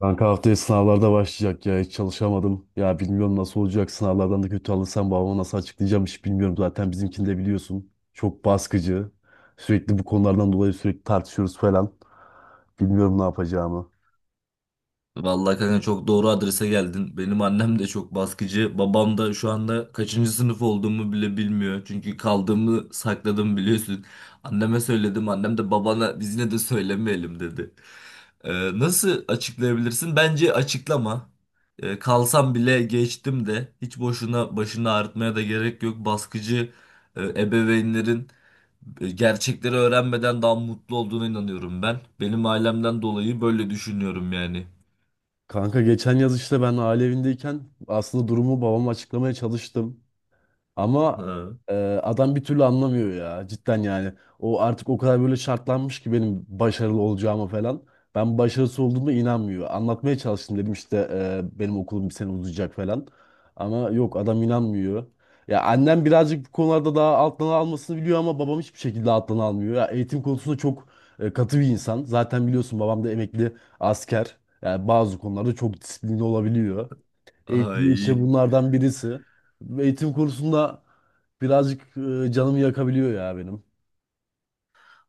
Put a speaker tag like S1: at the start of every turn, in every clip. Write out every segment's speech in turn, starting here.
S1: Kanka haftaya sınavlarda başlayacak ya, hiç çalışamadım. Ya bilmiyorum nasıl olacak, sınavlardan da kötü alırsam babama nasıl açıklayacağım hiç bilmiyorum. Zaten bizimkini de biliyorsun. Çok baskıcı. Sürekli bu konulardan dolayı tartışıyoruz falan. Bilmiyorum ne yapacağımı.
S2: Vallahi kanka çok doğru adrese geldin. Benim annem de çok baskıcı. Babam da şu anda kaçıncı sınıf olduğumu bile bilmiyor. Çünkü kaldığımı sakladım biliyorsun. Anneme söyledim. Annem de babana biz yine de söylemeyelim dedi. Nasıl açıklayabilirsin? Bence açıklama. Kalsam bile geçtim de hiç boşuna başını ağrıtmaya da gerek yok. Baskıcı ebeveynlerin gerçekleri öğrenmeden daha mutlu olduğuna inanıyorum ben. Benim ailemden dolayı böyle düşünüyorum yani.
S1: Kanka geçen yaz işte ben aile evindeyken aslında durumu babama açıklamaya çalıştım. Ama
S2: Ha,
S1: e, adam bir türlü anlamıyor ya, cidden yani. O artık o kadar böyle şartlanmış ki benim başarılı olacağıma falan. Ben başarısız olduğuma inanmıyor. Anlatmaya çalıştım, dedim işte benim okulum bir sene uzayacak falan. Ama yok, adam inanmıyor. Ya annem birazcık bu konularda daha alttan almasını biliyor ama babam hiçbir şekilde alttan almıyor. Ya eğitim konusunda çok katı bir insan. Zaten biliyorsun, babam da emekli asker. Yani bazı konularda çok disiplinli olabiliyor. Eğitim işte
S2: ay.
S1: bunlardan birisi. Eğitim kursunda birazcık canımı yakabiliyor ya benim.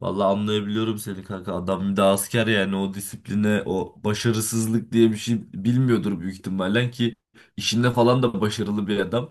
S2: Vallahi anlayabiliyorum seni kanka. Adam bir de asker, yani o disipline, o başarısızlık diye bir şey bilmiyordur büyük ihtimalle ki işinde falan da başarılı bir adam.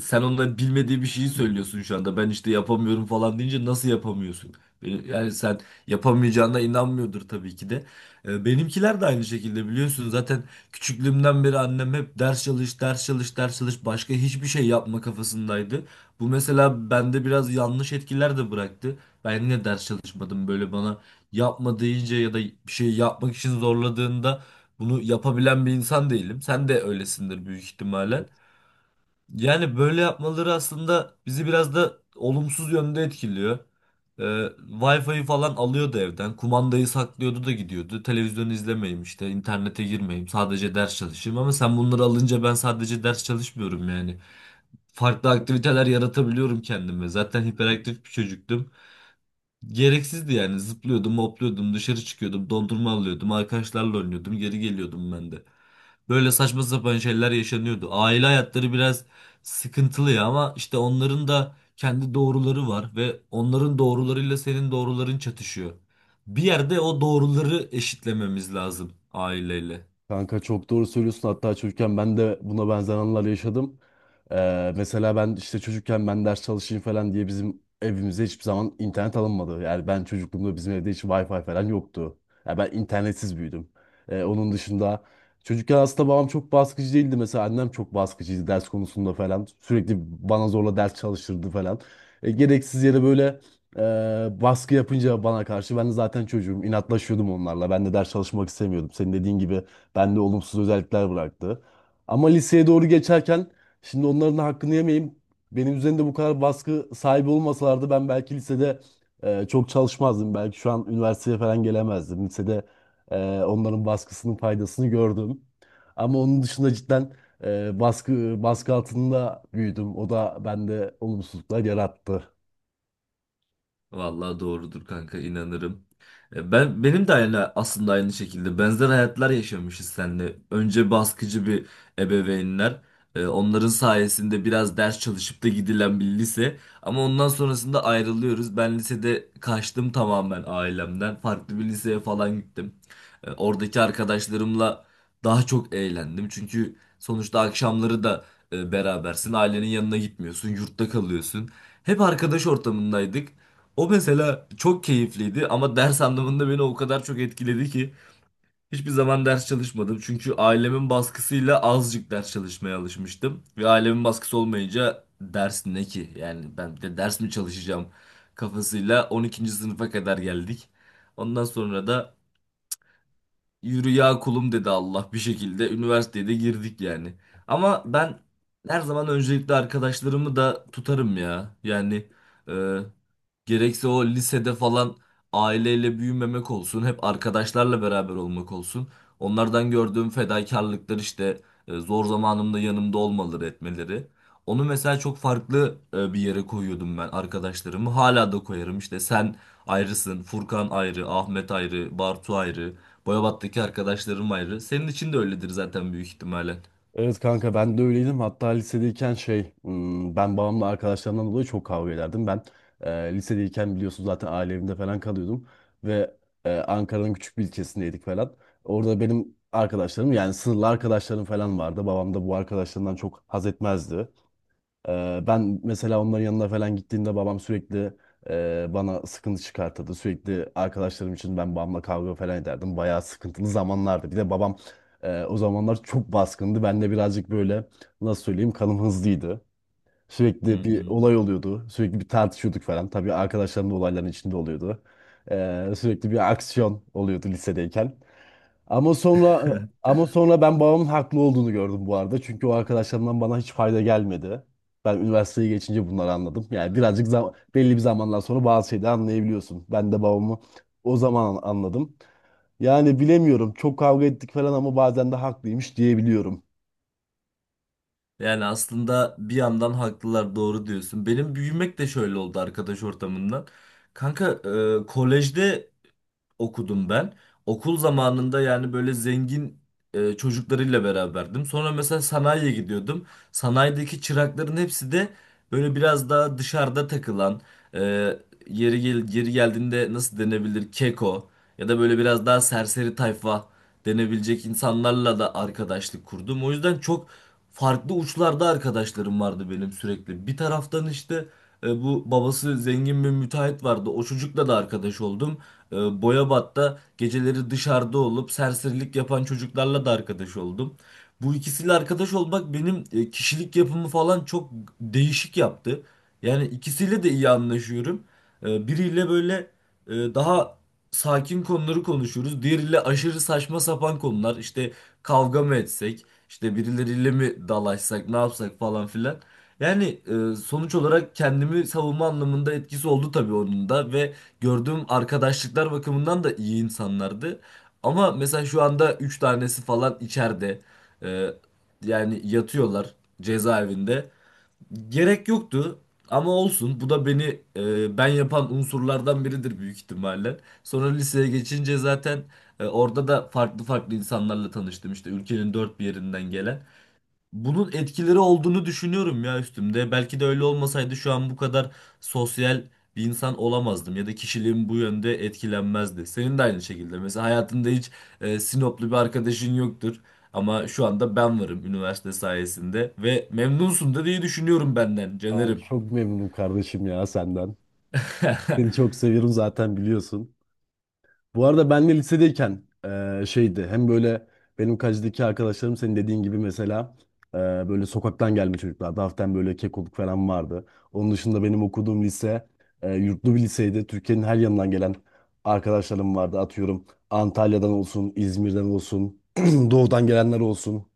S2: Sen onların bilmediği bir şeyi söylüyorsun şu anda. Ben işte yapamıyorum falan deyince nasıl yapamıyorsun? Yani sen yapamayacağına inanmıyordur tabii ki de. Benimkiler de aynı şekilde biliyorsun. Zaten küçüklüğümden beri annem hep ders çalış, ders çalış, ders çalış. Başka hiçbir şey yapma kafasındaydı. Bu mesela bende biraz yanlış etkiler de bıraktı. Ben yine ders çalışmadım. Böyle bana yapma deyince ya da bir şey yapmak için zorladığında bunu yapabilen bir insan değilim. Sen de öylesindir büyük ihtimalle. Yani böyle yapmaları aslında bizi biraz da olumsuz yönde etkiliyor. Wi-Fi'yi falan alıyordu evden. Kumandayı saklıyordu da gidiyordu. Televizyon izlemeyeyim işte, internete girmeyeyim, sadece ders çalışayım. Ama sen bunları alınca ben sadece ders çalışmıyorum yani. Farklı aktiviteler yaratabiliyorum kendime. Zaten hiperaktif bir çocuktum. Gereksizdi yani. Zıplıyordum, hopluyordum, dışarı çıkıyordum, dondurma alıyordum, arkadaşlarla oynuyordum, geri geliyordum ben de. Böyle saçma sapan şeyler yaşanıyordu. Aile hayatları biraz sıkıntılı ya, ama işte onların da kendi doğruları var ve onların doğrularıyla senin doğruların çatışıyor. Bir yerde o doğruları eşitlememiz lazım aileyle.
S1: Kanka çok doğru söylüyorsun. Hatta çocukken ben de buna benzer anılar yaşadım. Mesela ben işte çocukken ben ders çalışayım falan diye bizim evimize hiçbir zaman internet alınmadı. Yani ben çocukluğumda bizim evde hiç Wi-Fi falan yoktu. Yani ben internetsiz büyüdüm. Onun dışında çocukken aslında babam çok baskıcı değildi. Mesela annem çok baskıcıydı ders konusunda falan. Sürekli bana zorla ders çalıştırdı falan. Gereksiz yere böyle baskı yapınca bana karşı ben de zaten çocuğum inatlaşıyordum onlarla. Ben de ders çalışmak istemiyordum. Senin dediğin gibi bende olumsuz özellikler bıraktı. Ama liseye doğru geçerken şimdi onların hakkını yemeyeyim. Benim üzerinde bu kadar baskı sahibi olmasalardı ben belki lisede çok çalışmazdım. Belki şu an üniversiteye falan gelemezdim. Lisede onların baskısının faydasını gördüm. Ama onun dışında cidden baskı baskı altında büyüdüm. O da bende olumsuzluklar yarattı.
S2: Vallahi doğrudur kanka, inanırım. Benim de aynı, aslında aynı şekilde benzer hayatlar yaşamışız seninle. Önce baskıcı bir ebeveynler, onların sayesinde biraz ders çalışıp da gidilen bir lise, ama ondan sonrasında ayrılıyoruz. Ben lisede kaçtım tamamen ailemden. Farklı bir liseye falan gittim. Oradaki arkadaşlarımla daha çok eğlendim. Çünkü sonuçta akşamları da berabersin. Ailenin yanına gitmiyorsun, yurtta kalıyorsun. Hep arkadaş ortamındaydık. O mesela çok keyifliydi, ama ders anlamında beni o kadar çok etkiledi ki hiçbir zaman ders çalışmadım. Çünkü ailemin baskısıyla azıcık ders çalışmaya alışmıştım. Ve ailemin baskısı olmayınca ders ne ki? Yani ben bir de ders mi çalışacağım kafasıyla 12. sınıfa kadar geldik. Ondan sonra da yürü ya kulum dedi Allah bir şekilde. Üniversiteye de girdik yani. Ama ben her zaman öncelikle arkadaşlarımı da tutarım ya. Yani e, gerekse o lisede falan aileyle büyümemek olsun, hep arkadaşlarla beraber olmak olsun. Onlardan gördüğüm fedakarlıklar, işte zor zamanımda yanımda olmaları, etmeleri. Onu mesela çok farklı bir yere koyuyordum ben arkadaşlarımı. Hala da koyarım. İşte sen ayrısın, Furkan ayrı, Ahmet ayrı, Bartu ayrı. Boyabat'taki arkadaşlarım ayrı. Senin için de öyledir zaten büyük ihtimalle.
S1: Evet kanka, ben de öyleydim. Hatta lisedeyken şey ben babamla arkadaşlarımdan dolayı çok kavga ederdim. Ben lisedeyken biliyorsun zaten aile evinde falan kalıyordum. Ve Ankara'nın küçük bir ilçesindeydik falan. Orada benim arkadaşlarım, yani sınırlı arkadaşlarım falan vardı. Babam da bu arkadaşlarından çok haz etmezdi. Ben mesela onların yanına falan gittiğimde babam sürekli bana sıkıntı çıkartırdı. Sürekli arkadaşlarım için ben babamla kavga falan ederdim. Bayağı sıkıntılı zamanlardı. Bir de babam o zamanlar çok baskındı. Ben de birazcık böyle, nasıl söyleyeyim, kanım hızlıydı.
S2: Hı
S1: Sürekli bir
S2: hı.
S1: olay oluyordu. Sürekli bir tartışıyorduk falan. Tabii arkadaşlarım da olayların içinde oluyordu. Sürekli bir aksiyon oluyordu lisedeyken. Ama sonra ama sonra ben babamın haklı olduğunu gördüm bu arada. Çünkü o arkadaşlarımdan bana hiç fayda gelmedi. Ben üniversiteyi geçince bunları anladım. Yani birazcık belli bir zamandan sonra bazı şeyleri anlayabiliyorsun. Ben de babamı o zaman anladım. Yani bilemiyorum. Çok kavga ettik falan ama bazen de haklıymış diyebiliyorum.
S2: Yani aslında bir yandan haklılar, doğru diyorsun. Benim büyümek de şöyle oldu arkadaş ortamından. Kanka kolejde okudum ben. Okul zamanında yani böyle zengin çocuklarıyla beraberdim. Sonra mesela sanayiye gidiyordum. Sanayideki çırakların hepsi de böyle biraz daha dışarıda takılan, e, yeri gel, yeri geldiğinde nasıl denebilir, keko ya da böyle biraz daha serseri tayfa denebilecek insanlarla da arkadaşlık kurdum. O yüzden çok farklı uçlarda arkadaşlarım vardı benim sürekli. Bir taraftan işte bu babası zengin bir müteahhit vardı. O çocukla da arkadaş oldum. E, Boyabat'ta geceleri dışarıda olup serserilik yapan çocuklarla da arkadaş oldum. Bu ikisiyle arkadaş olmak benim kişilik yapımı falan çok değişik yaptı. Yani ikisiyle de iyi anlaşıyorum. Biriyle böyle daha sakin konuları konuşuyoruz. Diğeriyle aşırı saçma sapan konular. İşte kavga mı etsek, işte birileriyle mi dalaşsak, ne yapsak falan filan. Yani sonuç olarak kendimi savunma anlamında etkisi oldu tabii onun da, ve gördüğüm arkadaşlıklar bakımından da iyi insanlardı. Ama mesela şu anda 3 tanesi falan içeride. Ee, yani yatıyorlar cezaevinde. Gerek yoktu ama olsun. Bu da beni, ben yapan unsurlardan biridir büyük ihtimalle. Sonra liseye geçince zaten orada da farklı farklı insanlarla tanıştım. İşte ülkenin dört bir yerinden gelen. Bunun etkileri olduğunu düşünüyorum ya üstümde. Belki de öyle olmasaydı şu an bu kadar sosyal bir insan olamazdım ya da kişiliğim bu yönde etkilenmezdi. Senin de aynı şekilde. Mesela hayatında hiç Sinoplu bir arkadaşın yoktur, ama şu anda ben varım üniversite sayesinde ve memnunsun da diye düşünüyorum benden
S1: Aa,
S2: Caner'im.
S1: çok memnunum kardeşim ya senden. Seni çok seviyorum zaten biliyorsun. Bu arada ben de lisedeyken şeydi, hem böyle benim kacideki arkadaşlarım senin dediğin gibi, mesela eee, böyle sokaktan gelme çocuklar. Hafiften böyle kekoluk falan vardı. Onun dışında benim okuduğum lise yurtlu bir liseydi. Türkiye'nin her yanından gelen arkadaşlarım vardı. Atıyorum Antalya'dan olsun, İzmir'den olsun, doğudan gelenler olsun.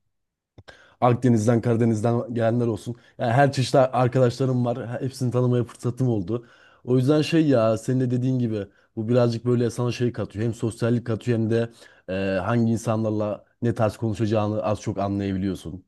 S1: Akdeniz'den, Karadeniz'den gelenler olsun. Yani her çeşit arkadaşlarım var. Hepsini tanımaya fırsatım oldu. O yüzden şey ya, senin de dediğin gibi bu birazcık böyle sana şey katıyor. Hem sosyallik katıyor hem de e, hangi insanlarla ne tarz konuşacağını az çok anlayabiliyorsun.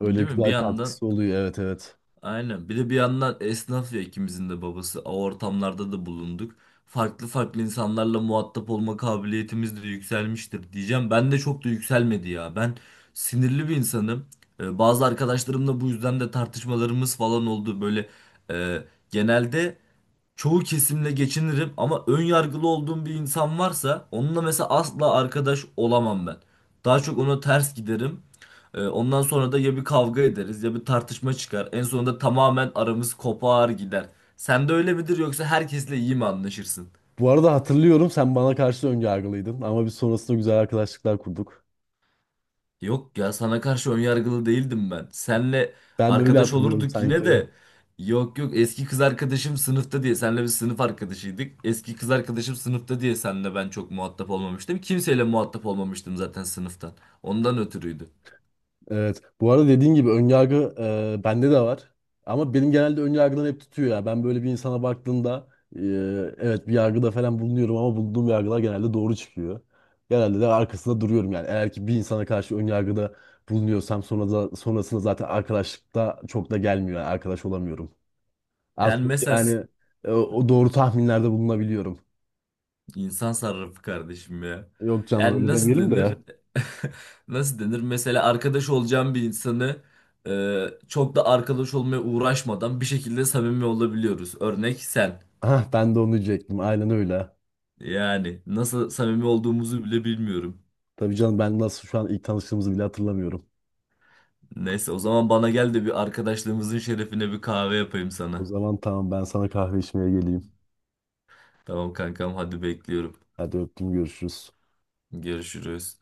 S1: Öyle
S2: Değil mi? Bir
S1: güzel
S2: yandan
S1: katkısı oluyor. Evet, evet.
S2: aynen. Bir de bir yandan esnaf ya ikimizin de babası. O ortamlarda da bulunduk. Farklı farklı insanlarla muhatap olma kabiliyetimiz de yükselmiştir diyeceğim. Ben de çok da yükselmedi ya. Ben sinirli bir insanım. Bazı arkadaşlarımla bu yüzden de tartışmalarımız falan oldu. Böyle e, genelde çoğu kesimle geçinirim, ama ön yargılı olduğum bir insan varsa onunla mesela asla arkadaş olamam ben. Daha çok ona ters giderim. Ondan sonra da ya bir kavga ederiz ya bir tartışma çıkar. En sonunda tamamen aramız kopar gider. Sen de öyle midir yoksa herkesle iyi mi anlaşırsın?
S1: Bu arada hatırlıyorum, sen bana karşı önyargılıydın ama biz sonrasında güzel arkadaşlıklar kurduk.
S2: Yok ya, sana karşı önyargılı değildim ben. Senle
S1: Ben de öyle
S2: arkadaş
S1: hatırlıyorum
S2: olurduk yine
S1: sanki.
S2: de. Yok yok, eski kız arkadaşım sınıfta diye senle bir sınıf arkadaşıydık. Eski kız arkadaşım sınıfta diye senle ben çok muhatap olmamıştım. Kimseyle muhatap olmamıştım zaten sınıftan. Ondan ötürüydü.
S1: Evet. Bu arada dediğin gibi önyargı bende de var. Ama benim genelde önyargılar hep tutuyor ya. Ben böyle bir insana baktığımda e, evet, bir yargıda falan bulunuyorum ama bulunduğum yargılar genelde doğru çıkıyor. Genelde de arkasında duruyorum yani. Eğer ki bir insana karşı önyargıda bulunuyorsam sonrasında zaten arkadaşlıkta çok da gelmiyor. Yani arkadaş olamıyorum. Az
S2: Yani
S1: çok
S2: mesela
S1: yani o doğru tahminlerde bulunabiliyorum.
S2: İnsan sarrafı kardeşim ya.
S1: Yok canım,
S2: Yani
S1: öyle
S2: nasıl
S1: demeyelim
S2: denir?
S1: de.
S2: Nasıl denir? Mesela arkadaş olacağım bir insanı çok da arkadaş olmaya uğraşmadan bir şekilde samimi olabiliyoruz. Örnek sen.
S1: Ah, ben de onu diyecektim. Aynen öyle.
S2: Yani nasıl samimi olduğumuzu bile bilmiyorum.
S1: Tabii canım, ben nasıl şu an ilk tanıştığımızı bile hatırlamıyorum.
S2: Neyse o zaman bana gel de bir arkadaşlığımızın şerefine bir kahve yapayım
S1: O
S2: sana.
S1: zaman tamam, ben sana kahve içmeye geleyim.
S2: Tamam kankam, hadi bekliyorum.
S1: Hadi öptüm, görüşürüz.
S2: Görüşürüz.